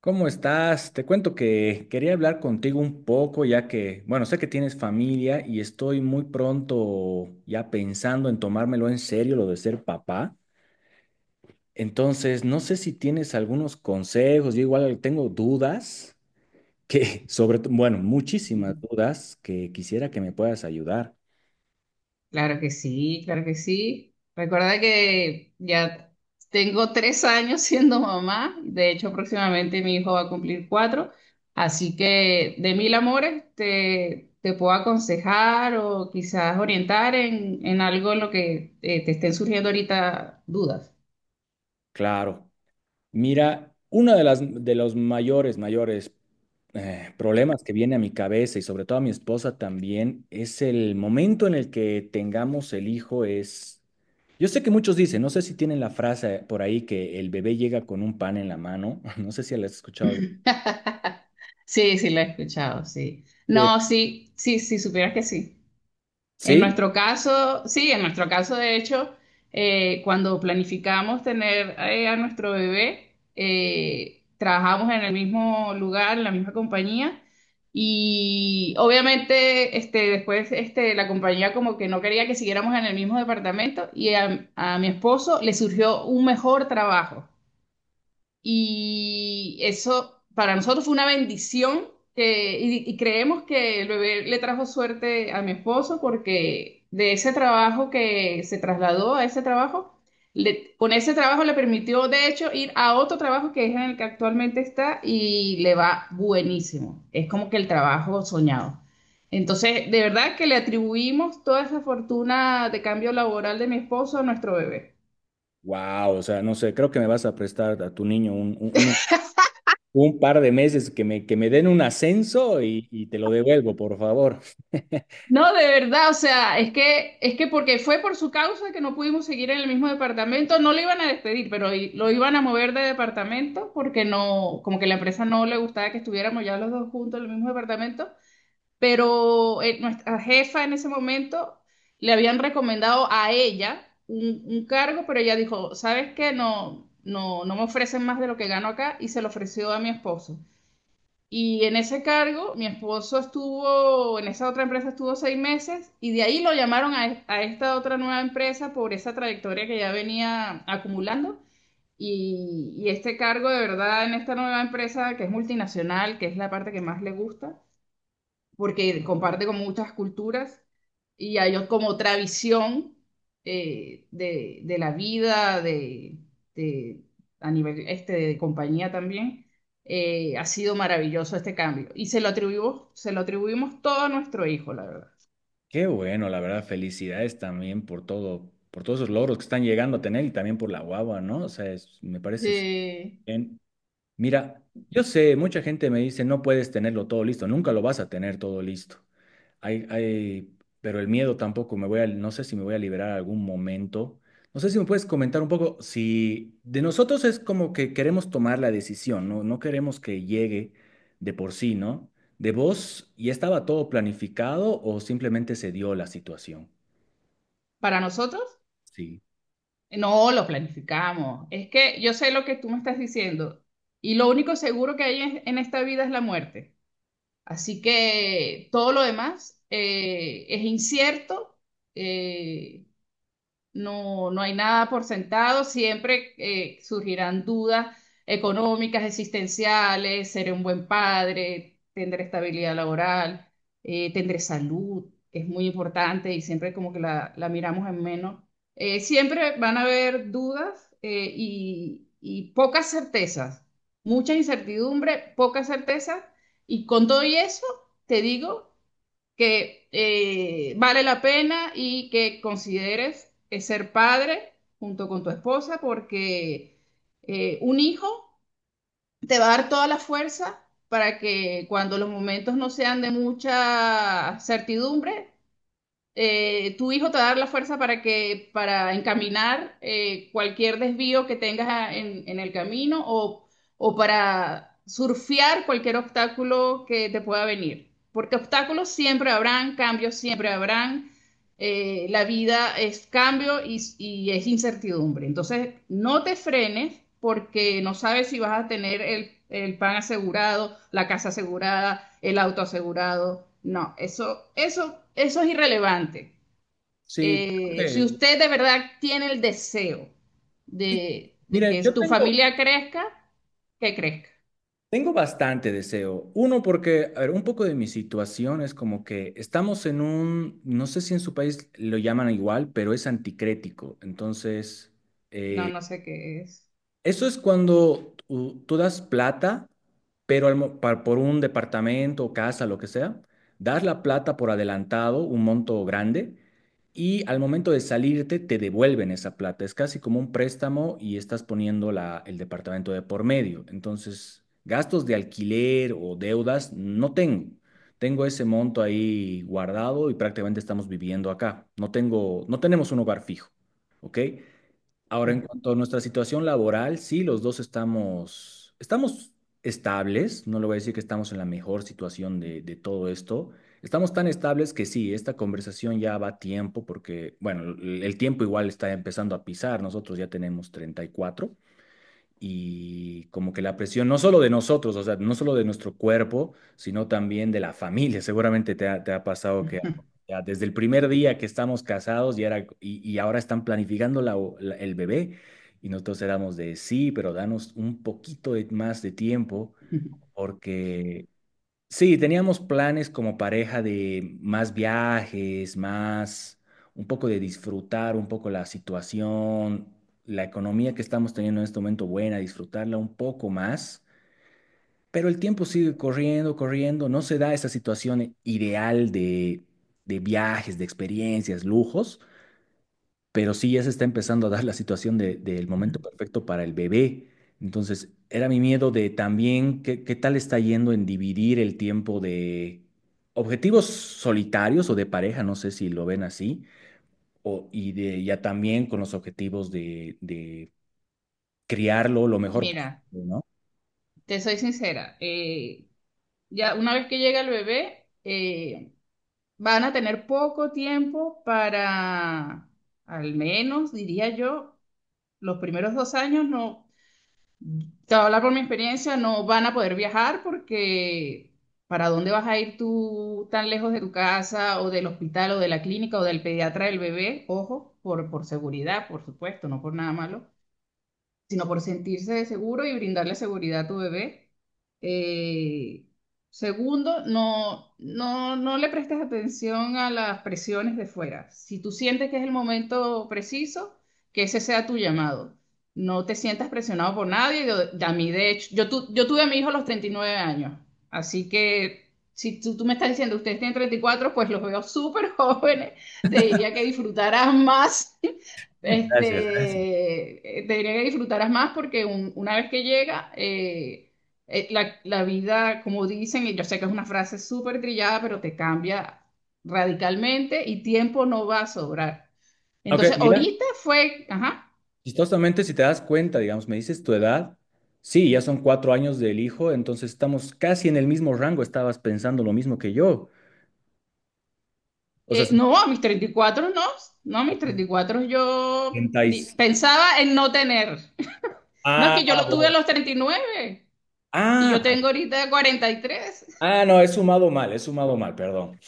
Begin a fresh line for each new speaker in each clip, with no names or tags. ¿Cómo estás? Te cuento que quería hablar contigo un poco, ya que, bueno, sé que tienes familia y estoy muy pronto ya pensando en tomármelo en serio lo de ser papá. Entonces, no sé si tienes algunos consejos, yo igual tengo dudas que, sobre, bueno, muchísimas dudas que quisiera que me puedas ayudar.
Claro que sí, claro que sí. Recuerda que ya tengo 3 años siendo mamá. De hecho, próximamente mi hijo va a cumplir 4. Así que de mil amores te puedo aconsejar o quizás orientar en, algo en lo que te estén surgiendo ahorita dudas.
Claro. Mira, una de los mayores problemas que viene a mi cabeza y sobre todo a mi esposa también es el momento en el que tengamos el hijo es, yo sé que muchos dicen, no sé si tienen la frase por ahí que el bebé llega con un pan en la mano, no sé si la has escuchado algo,
Sí, sí, lo he escuchado, sí. No, sí, sí, sí, supieras que sí. En
sí,
nuestro caso, sí, en nuestro caso, de hecho, cuando planificamos tener a nuestro bebé, trabajamos en el mismo lugar, en la misma compañía, y obviamente después la compañía como que no quería que siguiéramos en el mismo departamento y a mi esposo le surgió un mejor trabajo. Y eso para nosotros fue una bendición y creemos que el bebé le trajo suerte a mi esposo porque de ese trabajo que se trasladó a ese trabajo, con ese trabajo le permitió de hecho ir a otro trabajo que es en el que actualmente está y le va buenísimo. Es como que el trabajo soñado. Entonces, de verdad que le atribuimos toda esa fortuna de cambio laboral de mi esposo a nuestro bebé.
wow, o sea, no sé, creo que me vas a prestar a tu niño un par de meses que que me den un ascenso y te lo devuelvo, por favor.
No, de verdad, o sea, es que porque fue por su causa que no pudimos seguir en el mismo departamento, no lo iban a despedir, pero lo iban a mover de departamento porque no, como que la empresa no le gustaba que estuviéramos ya los dos juntos en el mismo departamento, pero nuestra jefa en ese momento le habían recomendado a ella un cargo, pero ella dijo, ¿sabes qué? No, no, no me ofrecen más de lo que gano acá y se lo ofreció a mi esposo. Y en ese cargo, mi esposo estuvo, en esa otra empresa estuvo 6 meses y de ahí lo llamaron a esta otra nueva empresa por esa trayectoria que ya venía acumulando. Y este cargo de verdad en esta nueva empresa que es multinacional, que es la parte que más le gusta, porque comparte con muchas culturas y hay como otra visión de la vida, de- a nivel de compañía también. Ha sido maravilloso este cambio y se lo atribuimos todo a nuestro hijo, la verdad.
Qué bueno, la verdad, felicidades también por todo, por todos esos logros que están llegando a tener y también por la guagua, ¿no? O sea, me parece súper
Eh,
bien. Mira, yo sé, mucha gente me dice, no puedes tenerlo todo listo, nunca lo vas a tener todo listo. Hay, pero el miedo tampoco me voy a, no sé si me voy a liberar algún momento. No sé si me puedes comentar un poco si de nosotros es como que queremos tomar la decisión, ¿no? No queremos que llegue de por sí, ¿no? ¿De vos ya estaba todo planificado o simplemente se dio la situación?
para nosotros,
Sí.
no lo planificamos. Es que yo sé lo que tú me estás diciendo y lo único seguro que hay en esta vida es la muerte. Así que todo lo demás es incierto. eh, no, no hay nada por sentado, siempre surgirán dudas económicas, existenciales, seré un buen padre, tendré estabilidad laboral, tendré salud, que es muy importante y siempre como que la miramos en menos. Siempre van a haber dudas y pocas certezas, mucha incertidumbre, pocas certezas y con todo y eso, te digo que vale la pena y que consideres ser padre junto con tu esposa porque un hijo te va a dar toda la fuerza para que cuando los momentos no sean de mucha certidumbre, tu hijo te va a dar la fuerza para encaminar cualquier desvío que tengas en el camino o para surfear cualquier obstáculo que te pueda venir. Porque obstáculos siempre habrán, cambios siempre habrán, la vida es cambio y es incertidumbre. Entonces, no te frenes porque no sabes si vas a tener el pan asegurado, la casa asegurada, el auto asegurado. No, eso es irrelevante.
Sí, creo
Si
que-
usted de verdad tiene el deseo
Sí,
de
mira,
que tu familia crezca, que crezca.
tengo bastante deseo. Uno, porque, a ver, un poco de mi situación es como que estamos en un, no sé si en su país lo llaman igual, pero es anticrético. Entonces,
No,
eh,
no sé qué es.
eso es cuando tú das plata, pero por un departamento o casa, lo que sea, das la plata por adelantado, un monto grande, y al momento de salirte te devuelven esa plata. Es casi como un préstamo y estás poniendo el departamento de por medio. Entonces, gastos de alquiler o deudas no tengo. Tengo ese monto ahí guardado y prácticamente estamos viviendo acá. No tenemos un hogar fijo, ¿ok? Ahora, en
Ya.
cuanto a nuestra situación laboral, sí, los dos estamos estables, no le voy a decir que estamos en la mejor situación de todo esto. Estamos tan estables que sí, esta conversación ya va a tiempo porque, bueno, el tiempo igual está empezando a pisar, nosotros ya tenemos 34 y como que la presión no solo de nosotros, o sea, no solo de nuestro cuerpo, sino también de la familia. Seguramente te ha pasado que ya desde el primer día que estamos casados y, era, y ahora están planificando el bebé y nosotros éramos de sí, pero danos un poquito más de tiempo porque sí, teníamos planes como pareja de más viajes, más un poco de disfrutar un poco la situación, la economía que estamos teniendo en este momento buena, disfrutarla un poco más, pero el tiempo sigue corriendo, corriendo, no se da esa situación ideal de viajes, de experiencias, lujos, pero sí ya se está empezando a dar la situación del momento perfecto para el bebé. Entonces, era mi miedo de también qué tal está yendo en dividir el tiempo de objetivos solitarios o de pareja, no sé si lo ven así, o, y de, ya también con los objetivos de criarlo lo mejor
Mira,
posible, ¿no?
te soy sincera. Ya una vez que llega el bebé, van a tener poco tiempo para, al menos diría yo, los primeros 2 años no, te voy a hablar por mi experiencia, no van a poder viajar porque ¿para dónde vas a ir tú tan lejos de tu casa o del hospital o de la clínica o del pediatra del bebé? Ojo, por seguridad, por supuesto, no por nada malo sino por sentirse seguro y brindarle seguridad a tu bebé. Eh, segundo, no, no, no le prestes atención a las presiones de fuera. Si tú sientes que es el momento preciso, que ese sea tu llamado. No te sientas presionado por nadie. A mí, de hecho, yo tuve a mi hijo a los 39 años. Así que si tú, tú me estás diciendo, ustedes tienen 34, pues los veo súper jóvenes. Te diría que disfrutarás más
Gracias, gracias.
te diría que disfrutaras más porque una vez que llega, la vida, como dicen, y yo sé que es una frase súper trillada, pero te cambia radicalmente y tiempo no va a sobrar.
Ok,
Entonces,
mira,
ahorita fue, ajá,
chistosamente si te das cuenta, digamos, me dices tu edad, sí, ya son 4 años del hijo, entonces estamos casi en el mismo rango, estabas pensando lo mismo que yo. O sea,
no, a mis 34 no, no, a mis 34 yo
70 y-
pensaba en no tener. No, es
ah,
que yo lo tuve a
bueno.
los 39 y
Ah,
yo tengo ahorita 43.
ah, no, he sumado mal, perdón.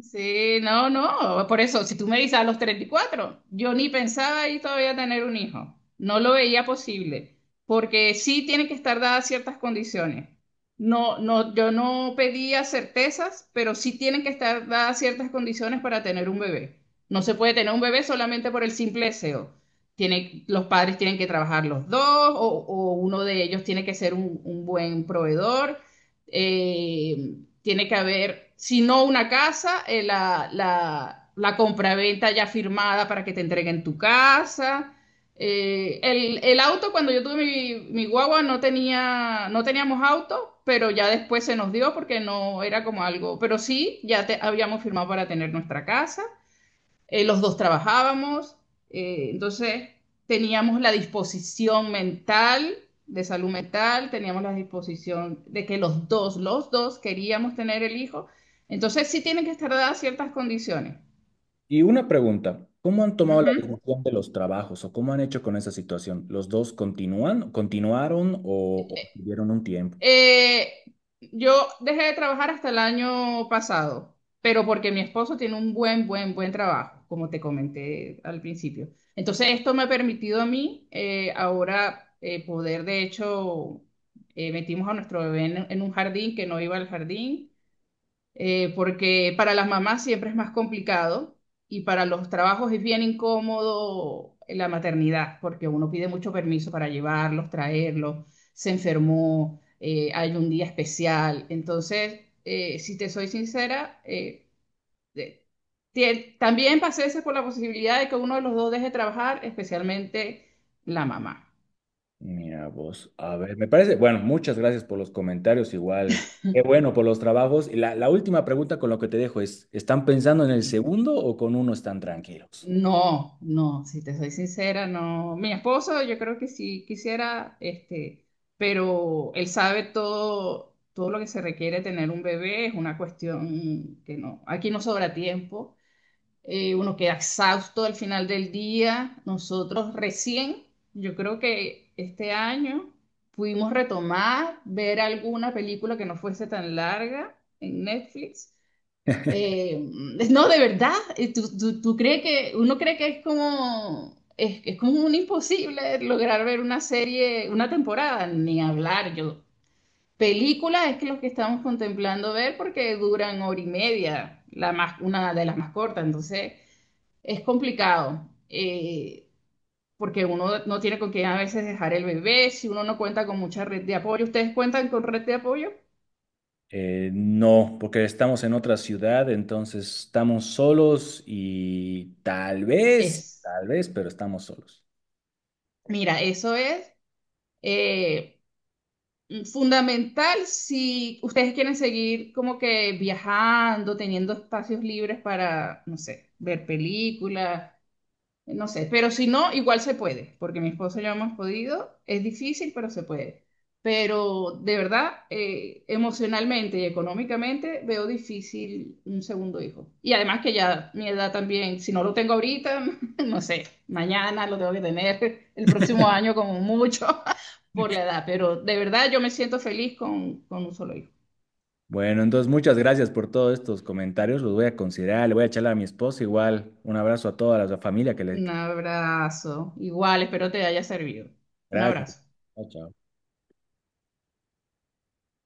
Sí, no, no. Por eso, si tú me dices a los 34, yo ni pensaba y todavía tener un hijo. No lo veía posible, porque sí tienen que estar dadas ciertas condiciones. No, no, yo no pedía certezas, pero sí tienen que estar dadas ciertas condiciones para tener un bebé. No se puede tener un bebé solamente por el simple deseo. Tiene, los padres tienen que trabajar los dos, o uno de ellos tiene que ser un buen proveedor. eh, Tiene que haber, si no una casa, la compraventa ya firmada para que te entreguen tu casa. El auto, cuando yo tuve mi guagua, no teníamos auto, pero ya después se nos dio porque no era como algo, pero sí, habíamos firmado para tener nuestra casa, los dos trabajábamos, entonces teníamos la disposición mental de salud mental, teníamos la disposición de que los dos queríamos tener el hijo, entonces sí tienen que estar dadas ciertas condiciones.
Y una pregunta, ¿cómo han
Uh
tomado la
-huh.
decisión de los trabajos o cómo han hecho con esa situación? ¿Los dos continúan, continuaron o tuvieron un tiempo?
Eh, yo dejé de trabajar hasta el año pasado, pero porque mi esposo tiene un buen, buen, buen trabajo, como te comenté al principio. Entonces, esto me ha permitido a mí ahora poder, de hecho, metimos a nuestro bebé en un jardín que no iba al jardín, porque para las mamás siempre es más complicado y para los trabajos es bien incómodo la maternidad, porque uno pide mucho permiso para llevarlos, traerlos, se enfermó, hay un día especial. Entonces, si te soy sincera, de- también pasé ese por la posibilidad de que uno de los dos deje trabajar, especialmente la mamá.
Mira vos, a ver, me parece, bueno, muchas gracias por los comentarios, igual, qué bueno por los trabajos. Y la última pregunta con lo que te dejo es, ¿están pensando en el segundo o con uno están tranquilos?
No, no, si te soy sincera, no. Mi esposo, yo creo que sí quisiera, pero él sabe todo, todo lo que se requiere tener un bebé, es una cuestión que no, aquí no sobra tiempo, uno queda exhausto al final del día. Nosotros recién, yo creo que este año pudimos retomar, ver alguna película que no fuese tan larga en Netflix. eh, no, de verdad, ¿tú crees que uno cree que es como es como un imposible lograr ver una serie, una temporada, ni hablar yo? Películas es que los que estamos contemplando ver porque duran hora y media, la más, una de las más cortas, entonces es complicado, porque uno no tiene con quién a veces dejar el bebé, si uno no cuenta con mucha red de apoyo. ¿Ustedes cuentan con red de apoyo?
No, porque estamos en otra ciudad, entonces estamos solos y
Es,
tal vez, pero estamos solos.
mira, eso es. eh, Fundamental si ustedes quieren seguir como que viajando, teniendo espacios libres para, no sé, ver películas, no sé, pero si no, igual se puede, porque mi esposo y yo hemos podido. Es difícil, pero se puede. Pero de verdad, emocionalmente y económicamente veo difícil un segundo hijo. Y además que ya mi edad también, si no lo tengo ahorita, no sé, mañana lo tengo que tener, el próximo año como mucho, por la edad. Pero de verdad yo me siento feliz con un solo hijo.
Bueno, entonces muchas gracias por todos estos comentarios, los voy a considerar, le voy a echar a mi esposa igual. Un abrazo a toda la familia que le...
Un abrazo. Igual, espero te haya servido. Un
Gracias.
abrazo.
Chao, chao.